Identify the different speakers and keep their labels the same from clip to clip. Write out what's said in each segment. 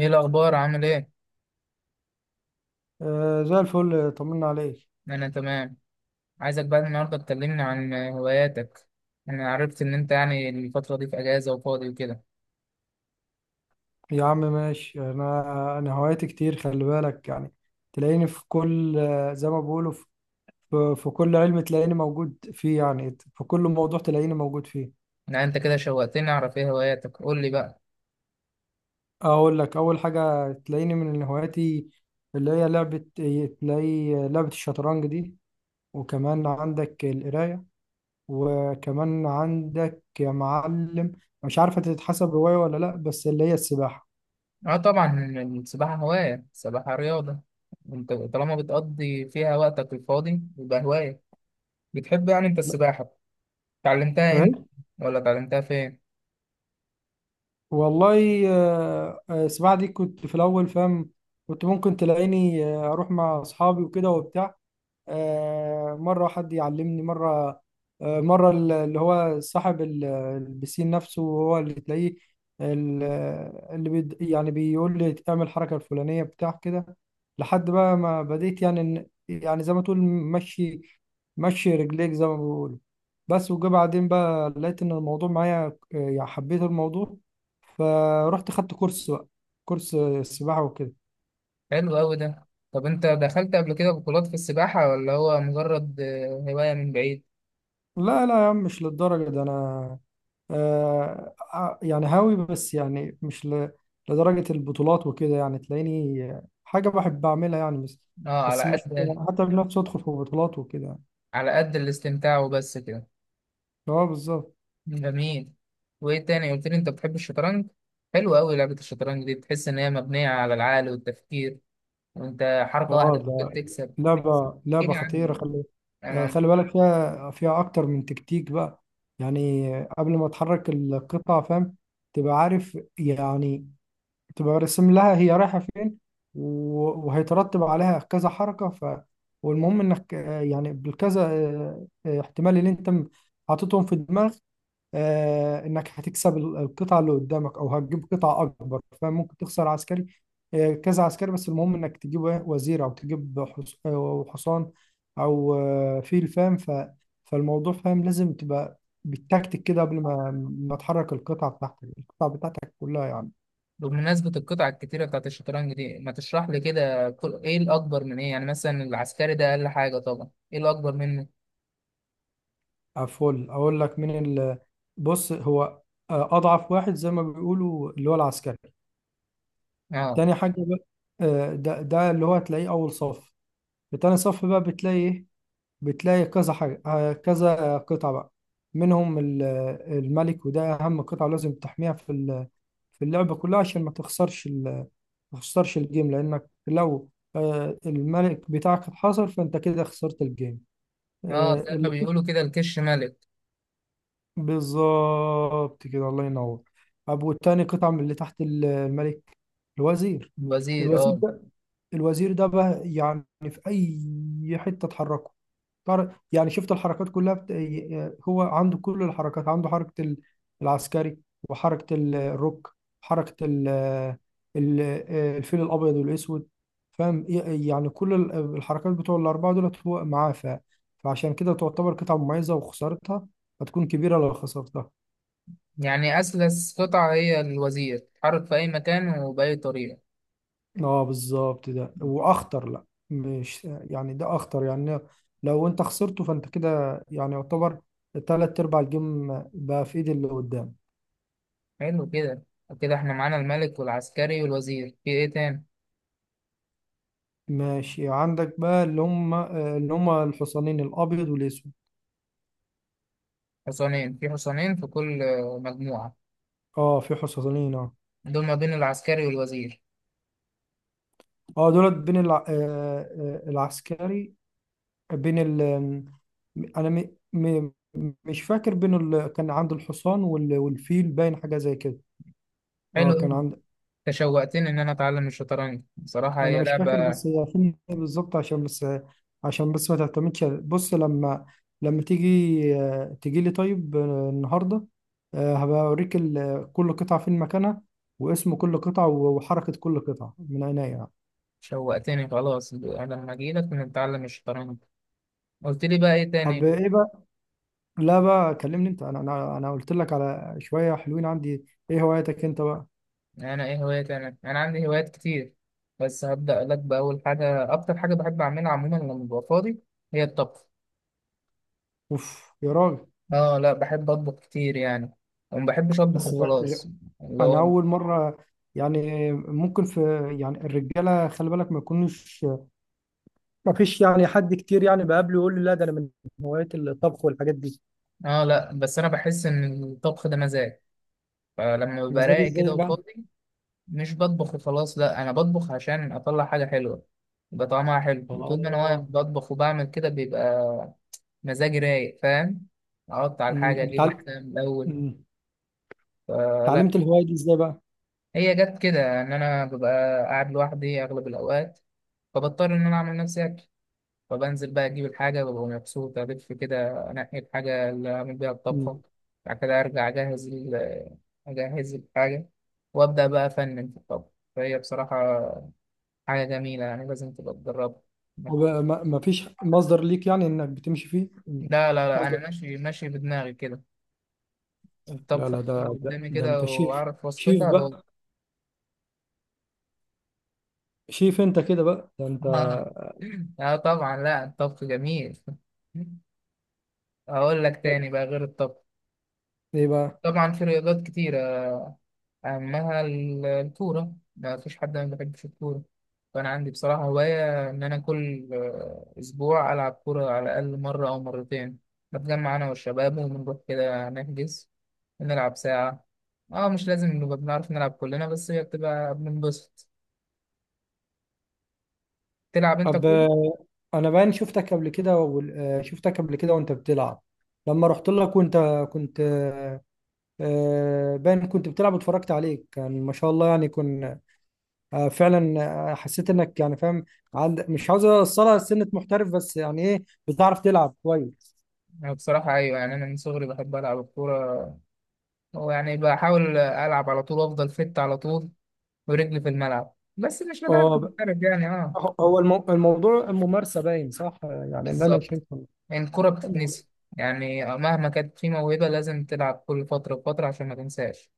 Speaker 1: ايه الاخبار عامل ايه؟
Speaker 2: زي الفل طمنا عليك.
Speaker 1: انا تمام. عايزك بقى النهارده تكلمني عن هواياتك. انا عرفت ان انت يعني الفتره دي في اجازه وفاضي وكده.
Speaker 2: يا عم ماشي، انا هواياتي كتير، خلي بالك يعني. تلاقيني في كل زي ما بيقولوا، في كل علم تلاقيني موجود فيه، يعني في كل موضوع تلاقيني موجود فيه.
Speaker 1: لا انت كده شوقتني اعرف ايه هواياتك، قول لي بقى.
Speaker 2: اقول لك اول حاجة تلاقيني من هواياتي اللي هي لعبة، تلاقي لعبة الشطرنج دي، وكمان عندك القراية، وكمان عندك يا معلم مش عارفة تتحسب هواية ولا لا، بس اللي هي السباحة.
Speaker 1: اه طبعا، السباحه هوايه، السباحه رياضه، انت طالما بتقضي فيها وقتك الفاضي يبقى هوايه. بتحب يعني انت السباحه؟ اتعلمتها امتى؟ ولا اتعلمتها فين؟
Speaker 2: والله السباحة دي كنت في الأول فاهم، كنت ممكن تلاقيني أروح مع أصحابي وكده وبتاع، مرة حد يعلمني، مرة اللي هو صاحب البسين نفسه هو اللي تلاقيه ال- اللي بيد، يعني بيقول لي اعمل الحركة الفلانية بتاع كده. لحد بقى ما بديت، يعني يعني زي ما تقول مشي، مشي رجليك زي ما بيقولوا. بس وجا بعدين بقى لقيت ان الموضوع معايا، يعني حبيت الموضوع، فرحت خدت كورس بقى، كورس سباحة وكده.
Speaker 1: حلو قوي ده. طب انت دخلت قبل كده بطولات في السباحه ولا هو مجرد هوايه من بعيد؟
Speaker 2: لا لا يا عم، مش للدرجة ده انا، يعني هاوي بس، يعني مش ل... لدرجة البطولات وكده، يعني تلاقيني حاجة بحب أعملها يعني، بس
Speaker 1: اه على
Speaker 2: بس مش
Speaker 1: قد،
Speaker 2: حتى بنفسي أدخل في بطولات وكده.
Speaker 1: على قد الاستمتاع وبس كده.
Speaker 2: اه بالظبط.
Speaker 1: جميل. وايه تاني قلت لي انت بتحب الشطرنج. حلو قوي لعبة الشطرنج دي، بتحس ان هي مبنية على العقل والتفكير وانت حركة
Speaker 2: اه
Speaker 1: واحدة
Speaker 2: ده
Speaker 1: ممكن تكسب.
Speaker 2: لعبة
Speaker 1: كده
Speaker 2: لعبة خطيرة،
Speaker 1: يعني.
Speaker 2: خلي
Speaker 1: انا
Speaker 2: خلي بالك فيها، أكتر من تكتيك بقى. يعني قبل ما تحرك القطعة فاهم، تبقى عارف يعني، تبقى رسم لها هي رايحة فين وهيترتب عليها كذا حركة. ف والمهم انك يعني بالكذا احتمال اللي انت حاططهم في دماغك، انك هتكسب القطعة اللي قدامك او هتجيب قطعة اكبر، فممكن تخسر عسكري، كذا عسكري، بس المهم انك تجيب إيه؟ وزير، او تجيب أو حصان، او فيل فاهم. ف فالموضوع فاهم، لازم تبقى بالتكتيك كده قبل ما تحرك القطعة بتاعتك كلها يعني.
Speaker 1: بمناسبة القطع الكتيرة بتاعت الشطرنج دي ما تشرح لي كده كل... ايه الاكبر من ايه؟ يعني مثلا العسكري ده اقل حاجة طبعا، ايه الاكبر منه؟
Speaker 2: فل اقول لك مين ال... بص، هو اضعف واحد زي ما بيقولوا اللي هو العسكري.
Speaker 1: اه.
Speaker 2: تاني حاجه بقى، ده اللي هو هتلاقيه اول صف. في تاني صف بقى بتلاقي ايه؟ بتلاقي كذا حاجه، كذا قطعه بقى، منهم الملك، وده اهم قطعه لازم تحميها في في اللعبه كلها، عشان ما تخسرش ما تخسرش الجيم. لانك لو الملك بتاعك اتحصر فانت كده خسرت الجيم.
Speaker 1: اه زي ما بيقولوا كده الكش ملك.
Speaker 2: بالظبط كده، الله ينور. أبو التاني قطعة من اللي تحت الملك، الوزير.
Speaker 1: الوزير
Speaker 2: الوزير
Speaker 1: اه.
Speaker 2: الوزير ده بقى يعني في اي حته اتحركه، يعني شفت الحركات كلها هو عنده كل الحركات، عنده حركه العسكري، وحركه الروك، حركه ال- الفيل الابيض والاسود. فاهم، يعني كل الحركات بتوع الاربعه دولت هو معاه. فعشان كده تعتبر قطعه مميزه، وخسارتها هتكون كبيره لو خسرتها.
Speaker 1: يعني اسلس قطعة هي الوزير، تتحرك في اي مكان وباي طريقة.
Speaker 2: اه بالظبط. ده واخطر، لا مش يعني ده اخطر يعني، لو انت خسرته فانت كده يعني يعتبر تلات ارباع الجيم بقى في ايد اللي قدام.
Speaker 1: حلو كده. كده احنا معانا الملك والعسكري والوزير، في ايه تاني؟
Speaker 2: ماشي، عندك بقى اللي هم الحصانين الابيض والاسود.
Speaker 1: حصانين؟ في حصانين في كل مجموعة؟
Speaker 2: اه في حصانين اه.
Speaker 1: دول ما بين العسكري والوزير.
Speaker 2: اه دولت بين العسكري بين ال... انا مش فاكر بين كان عند الحصان والفيل، باين حاجة زي كده.
Speaker 1: حلو
Speaker 2: اه كان
Speaker 1: أوي.
Speaker 2: عند.
Speaker 1: تشوقتني ان انا اتعلم الشطرنج بصراحة،
Speaker 2: انا
Speaker 1: هي
Speaker 2: مش فاكر،
Speaker 1: لعبة.
Speaker 2: بس هي فيلم إيه بالظبط، عشان بس ما تعتمدش. بص لما تيجي، تيجي لي طيب النهارده، هبقى اوريك كل قطعه فين مكانها، واسم كل قطعه، وحركه كل قطعه من عينيا يعني.
Speaker 1: شوقتني خلاص، انا لما اجيلك نتعلم الشطرنج. قلت لي بقى ايه تاني؟
Speaker 2: طب ايه بقى؟ لا بقى كلمني انت، انا قلت لك على شويه حلوين عندي، ايه هواياتك انت بقى؟
Speaker 1: انا ايه هوايات؟ انا انا عندي هوايات كتير، بس هبدأ لك بأول حاجة أكتر حاجة بحب أعملها عموما لما ببقى فاضي، هي الطبخ.
Speaker 2: اوف يا راجل!
Speaker 1: آه لا، بحب أطبخ كتير يعني، وما بحبش
Speaker 2: بس
Speaker 1: أطبخ خلاص.
Speaker 2: غ-
Speaker 1: اللي
Speaker 2: انا
Speaker 1: هو
Speaker 2: اول مره، يعني ممكن في، يعني الرجاله خلي بالك ما يكونوش، ما فيش يعني حد كتير يعني بقابله يقول لي لا ده انا من هواية الطبخ والحاجات دي.
Speaker 1: اه لا، بس انا بحس ان الطبخ ده مزاج، فلما ببقى
Speaker 2: مزاج
Speaker 1: رايق
Speaker 2: ازاي
Speaker 1: كده
Speaker 2: بقى؟
Speaker 1: وفاضي، مش بطبخ وخلاص، لا انا بطبخ عشان اطلع حاجه حلوه، يبقى طعمها حلو، وطول ما انا واقف
Speaker 2: اه.
Speaker 1: بطبخ وبعمل كده بيبقى مزاجي رايق، فاهم؟ اقطع على
Speaker 2: أمم،
Speaker 1: الحاجه، اجيب
Speaker 2: بتعل...
Speaker 1: الحاجه من الاول،
Speaker 2: أمم،
Speaker 1: فلا.
Speaker 2: اتعلمت الهوايه دي ازاي بقى؟
Speaker 1: هي جت كده ان انا ببقى قاعد لوحدي اغلب الاوقات، فبضطر ان انا اعمل نفسي أكل. فبنزل بقى أجيب الحاجة، ببقى مبسوط ألف كده، أنقي الحاجة اللي هعمل بيها
Speaker 2: أمم،
Speaker 1: الطبخة. بعد كده أرجع أجهز الحاجة، وأبدأ بقى أفنن في الطبخ. فهي بصراحة حاجة جميلة، يعني لازم تبقى تجربها.
Speaker 2: هو بقى ما فيش مصدر ليك، يعني انك بتمشي فيه؟
Speaker 1: لا لا لا،
Speaker 2: مصدر.
Speaker 1: أنا ماشي، ماشي بدماغي كده.
Speaker 2: لا
Speaker 1: الطبخة
Speaker 2: لا،
Speaker 1: بتيجي قدامي
Speaker 2: ده
Speaker 1: كده
Speaker 2: انت شيف،
Speaker 1: وأعرف
Speaker 2: شيف
Speaker 1: وصفتها بقول.
Speaker 2: بقى، شيف انت كده بقى، ده انت.
Speaker 1: آه. لا طبعا، لا الطبخ جميل. أقول لك تاني بقى غير الطبخ.
Speaker 2: ايه بقى؟
Speaker 1: طبعا في رياضات كتيرة. أما الكورة، ما فيش حد ما بيحبش الكورة، فأنا عندي بصراحة هواية إن أنا كل أسبوع ألعب كورة على الأقل مرة أو مرتين. بتجمع أنا والشباب وبنروح كده نحجز ونلعب ساعة. أه مش لازم نبقى بنعرف نلعب كلنا، بس هي بتبقى بننبسط. تلعب أنت
Speaker 2: طب
Speaker 1: كورة؟
Speaker 2: انا باين شفتك قبل كده شفتك قبل كده وانت بتلعب، لما رحت لك وانت كنت باين كنت بتلعب واتفرجت عليك، كان ما شاء الله يعني كن فعلا، حسيت انك يعني فاهم، عند مش عاوز اوصلها لسنة محترف، بس يعني ايه، بتعرف تلعب كويس.
Speaker 1: أنا بصراحة أيوة، يعني أنا من صغري بحب ألعب الكورة، ويعني بحاول ألعب على طول وأفضل فت على طول ورجلي في الملعب، بس مش لدرجة
Speaker 2: اه ب-
Speaker 1: محترف يعني، أه
Speaker 2: هو الموضوع الممارسة باين صح، يعني اللي انا
Speaker 1: بالظبط.
Speaker 2: شايفه.
Speaker 1: يعني الكرة بتتنسي، يعني مهما كانت في موهبة لازم تلعب كل فترة وفترة عشان ما تنساش.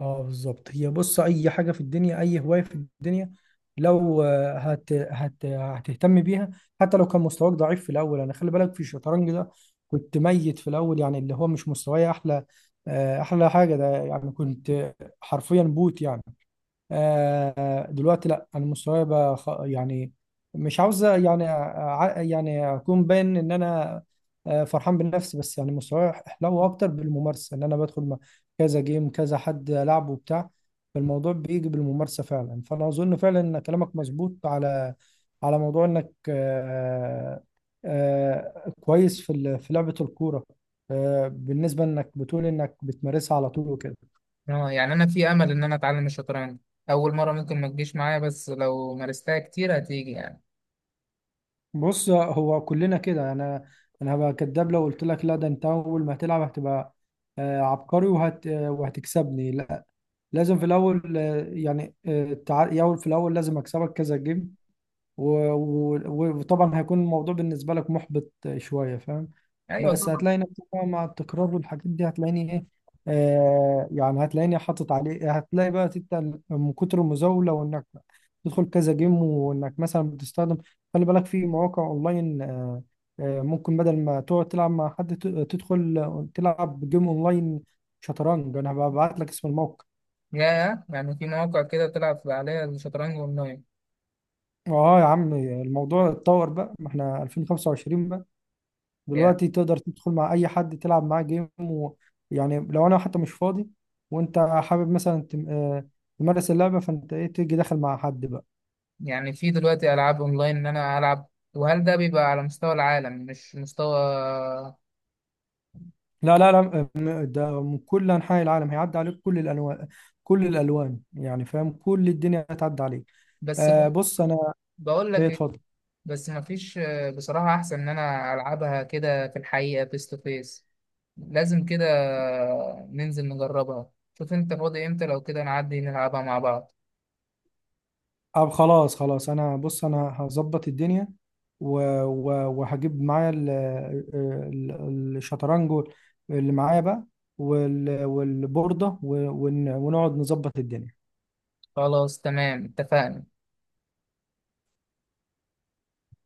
Speaker 2: اه بالظبط، هي بص اي حاجه في الدنيا، اي هوايه في الدنيا، لو آه، هت هت هتهتم بيها، حتى لو كان مستواك ضعيف في الاول. انا خلي بالك في الشطرنج ده كنت ميت في الاول، يعني اللي هو مش مستواي احلى احلى حاجه ده يعني، كنت حرفيا بوت يعني، دلوقتي لا، انا مستواي بقى يعني مش عاوز يعني يعني اكون باين ان انا فرحان بنفسي، بس يعني مستواي حلو اكتر بالممارسه، ان انا بدخل مع كذا جيم كذا حد لعبه وبتاع. فالموضوع بيجي بالممارسه فعلا، فانا اظن فعلا ان كلامك مظبوط على موضوع انك كويس في في لعبه الكوره، بالنسبه انك بتقول انك بتمارسها على طول وكده.
Speaker 1: اه يعني أنا في أمل إن أنا أتعلم الشطرنج، أول مرة ممكن ما تجيش معايا بس لو مارستها كتير هتيجي يعني.
Speaker 2: بص هو كلنا كده، انا هبقى كداب لو قلت لك لا ده انت اول ما هتلعب هتبقى عبقري وهتكسبني، لا لازم في الاول في الاول لازم اكسبك كذا جيم، وطبعا هيكون الموضوع بالنسبة لك محبط شوية فاهم.
Speaker 1: أيوة
Speaker 2: بس
Speaker 1: طبعا.
Speaker 2: هتلاقي نفسك بقى مع التكرار والحاجات دي، هتلاقيني ايه آه، يعني هتلاقيني حاطط عليه، هتلاقي بقى انت من كتر المزاولة، وانك تدخل كذا جيم، وانك مثلا بتستخدم خلي بالك في مواقع اونلاين آه، آه ممكن بدل ما تقعد تلعب مع حد، تدخل تلعب جيم اونلاين شطرنج، انا هبعت لك اسم الموقع.
Speaker 1: يا يعني في مواقع كده تلعب عليها الشطرنج أونلاين؟
Speaker 2: اه يا عم، الموضوع اتطور بقى، ما احنا 2025،
Speaker 1: يا
Speaker 2: دلوقتي تقدر تدخل مع اي حد تلعب معاه جيم، ويعني لو انا حتى مش فاضي وانت حابب مثلا تمارس اللعبه، فانت ايه تيجي داخل مع حد بقى.
Speaker 1: يعني في دلوقتي ألعاب أونلاين إن أنا ألعب؟ وهل ده بيبقى على مستوى العالم مش مستوى؟
Speaker 2: لا لا لا، ده من كل انحاء العالم، هيعدي عليك كل الانواع، كل الالوان يعني فاهم، كل الدنيا هتعدي عليك.
Speaker 1: بس
Speaker 2: آه بص انا.
Speaker 1: بقول
Speaker 2: ايه
Speaker 1: لك،
Speaker 2: اتفضل.
Speaker 1: بس مفيش بصراحة أحسن إن أنا ألعبها كده في الحقيقة فيس تو فيس. لازم كده ننزل نجربها، شوف أنت فاضي إمتى لو كده نعدي نلعبها مع بعض.
Speaker 2: طب خلاص خلاص، انا بص انا هظبط الدنيا و... و... وهجيب معايا الشطرنج اللي معايا بقى، والبوردة ونقعد نظبط الدنيا.
Speaker 1: خلاص تمام، اتفقنا.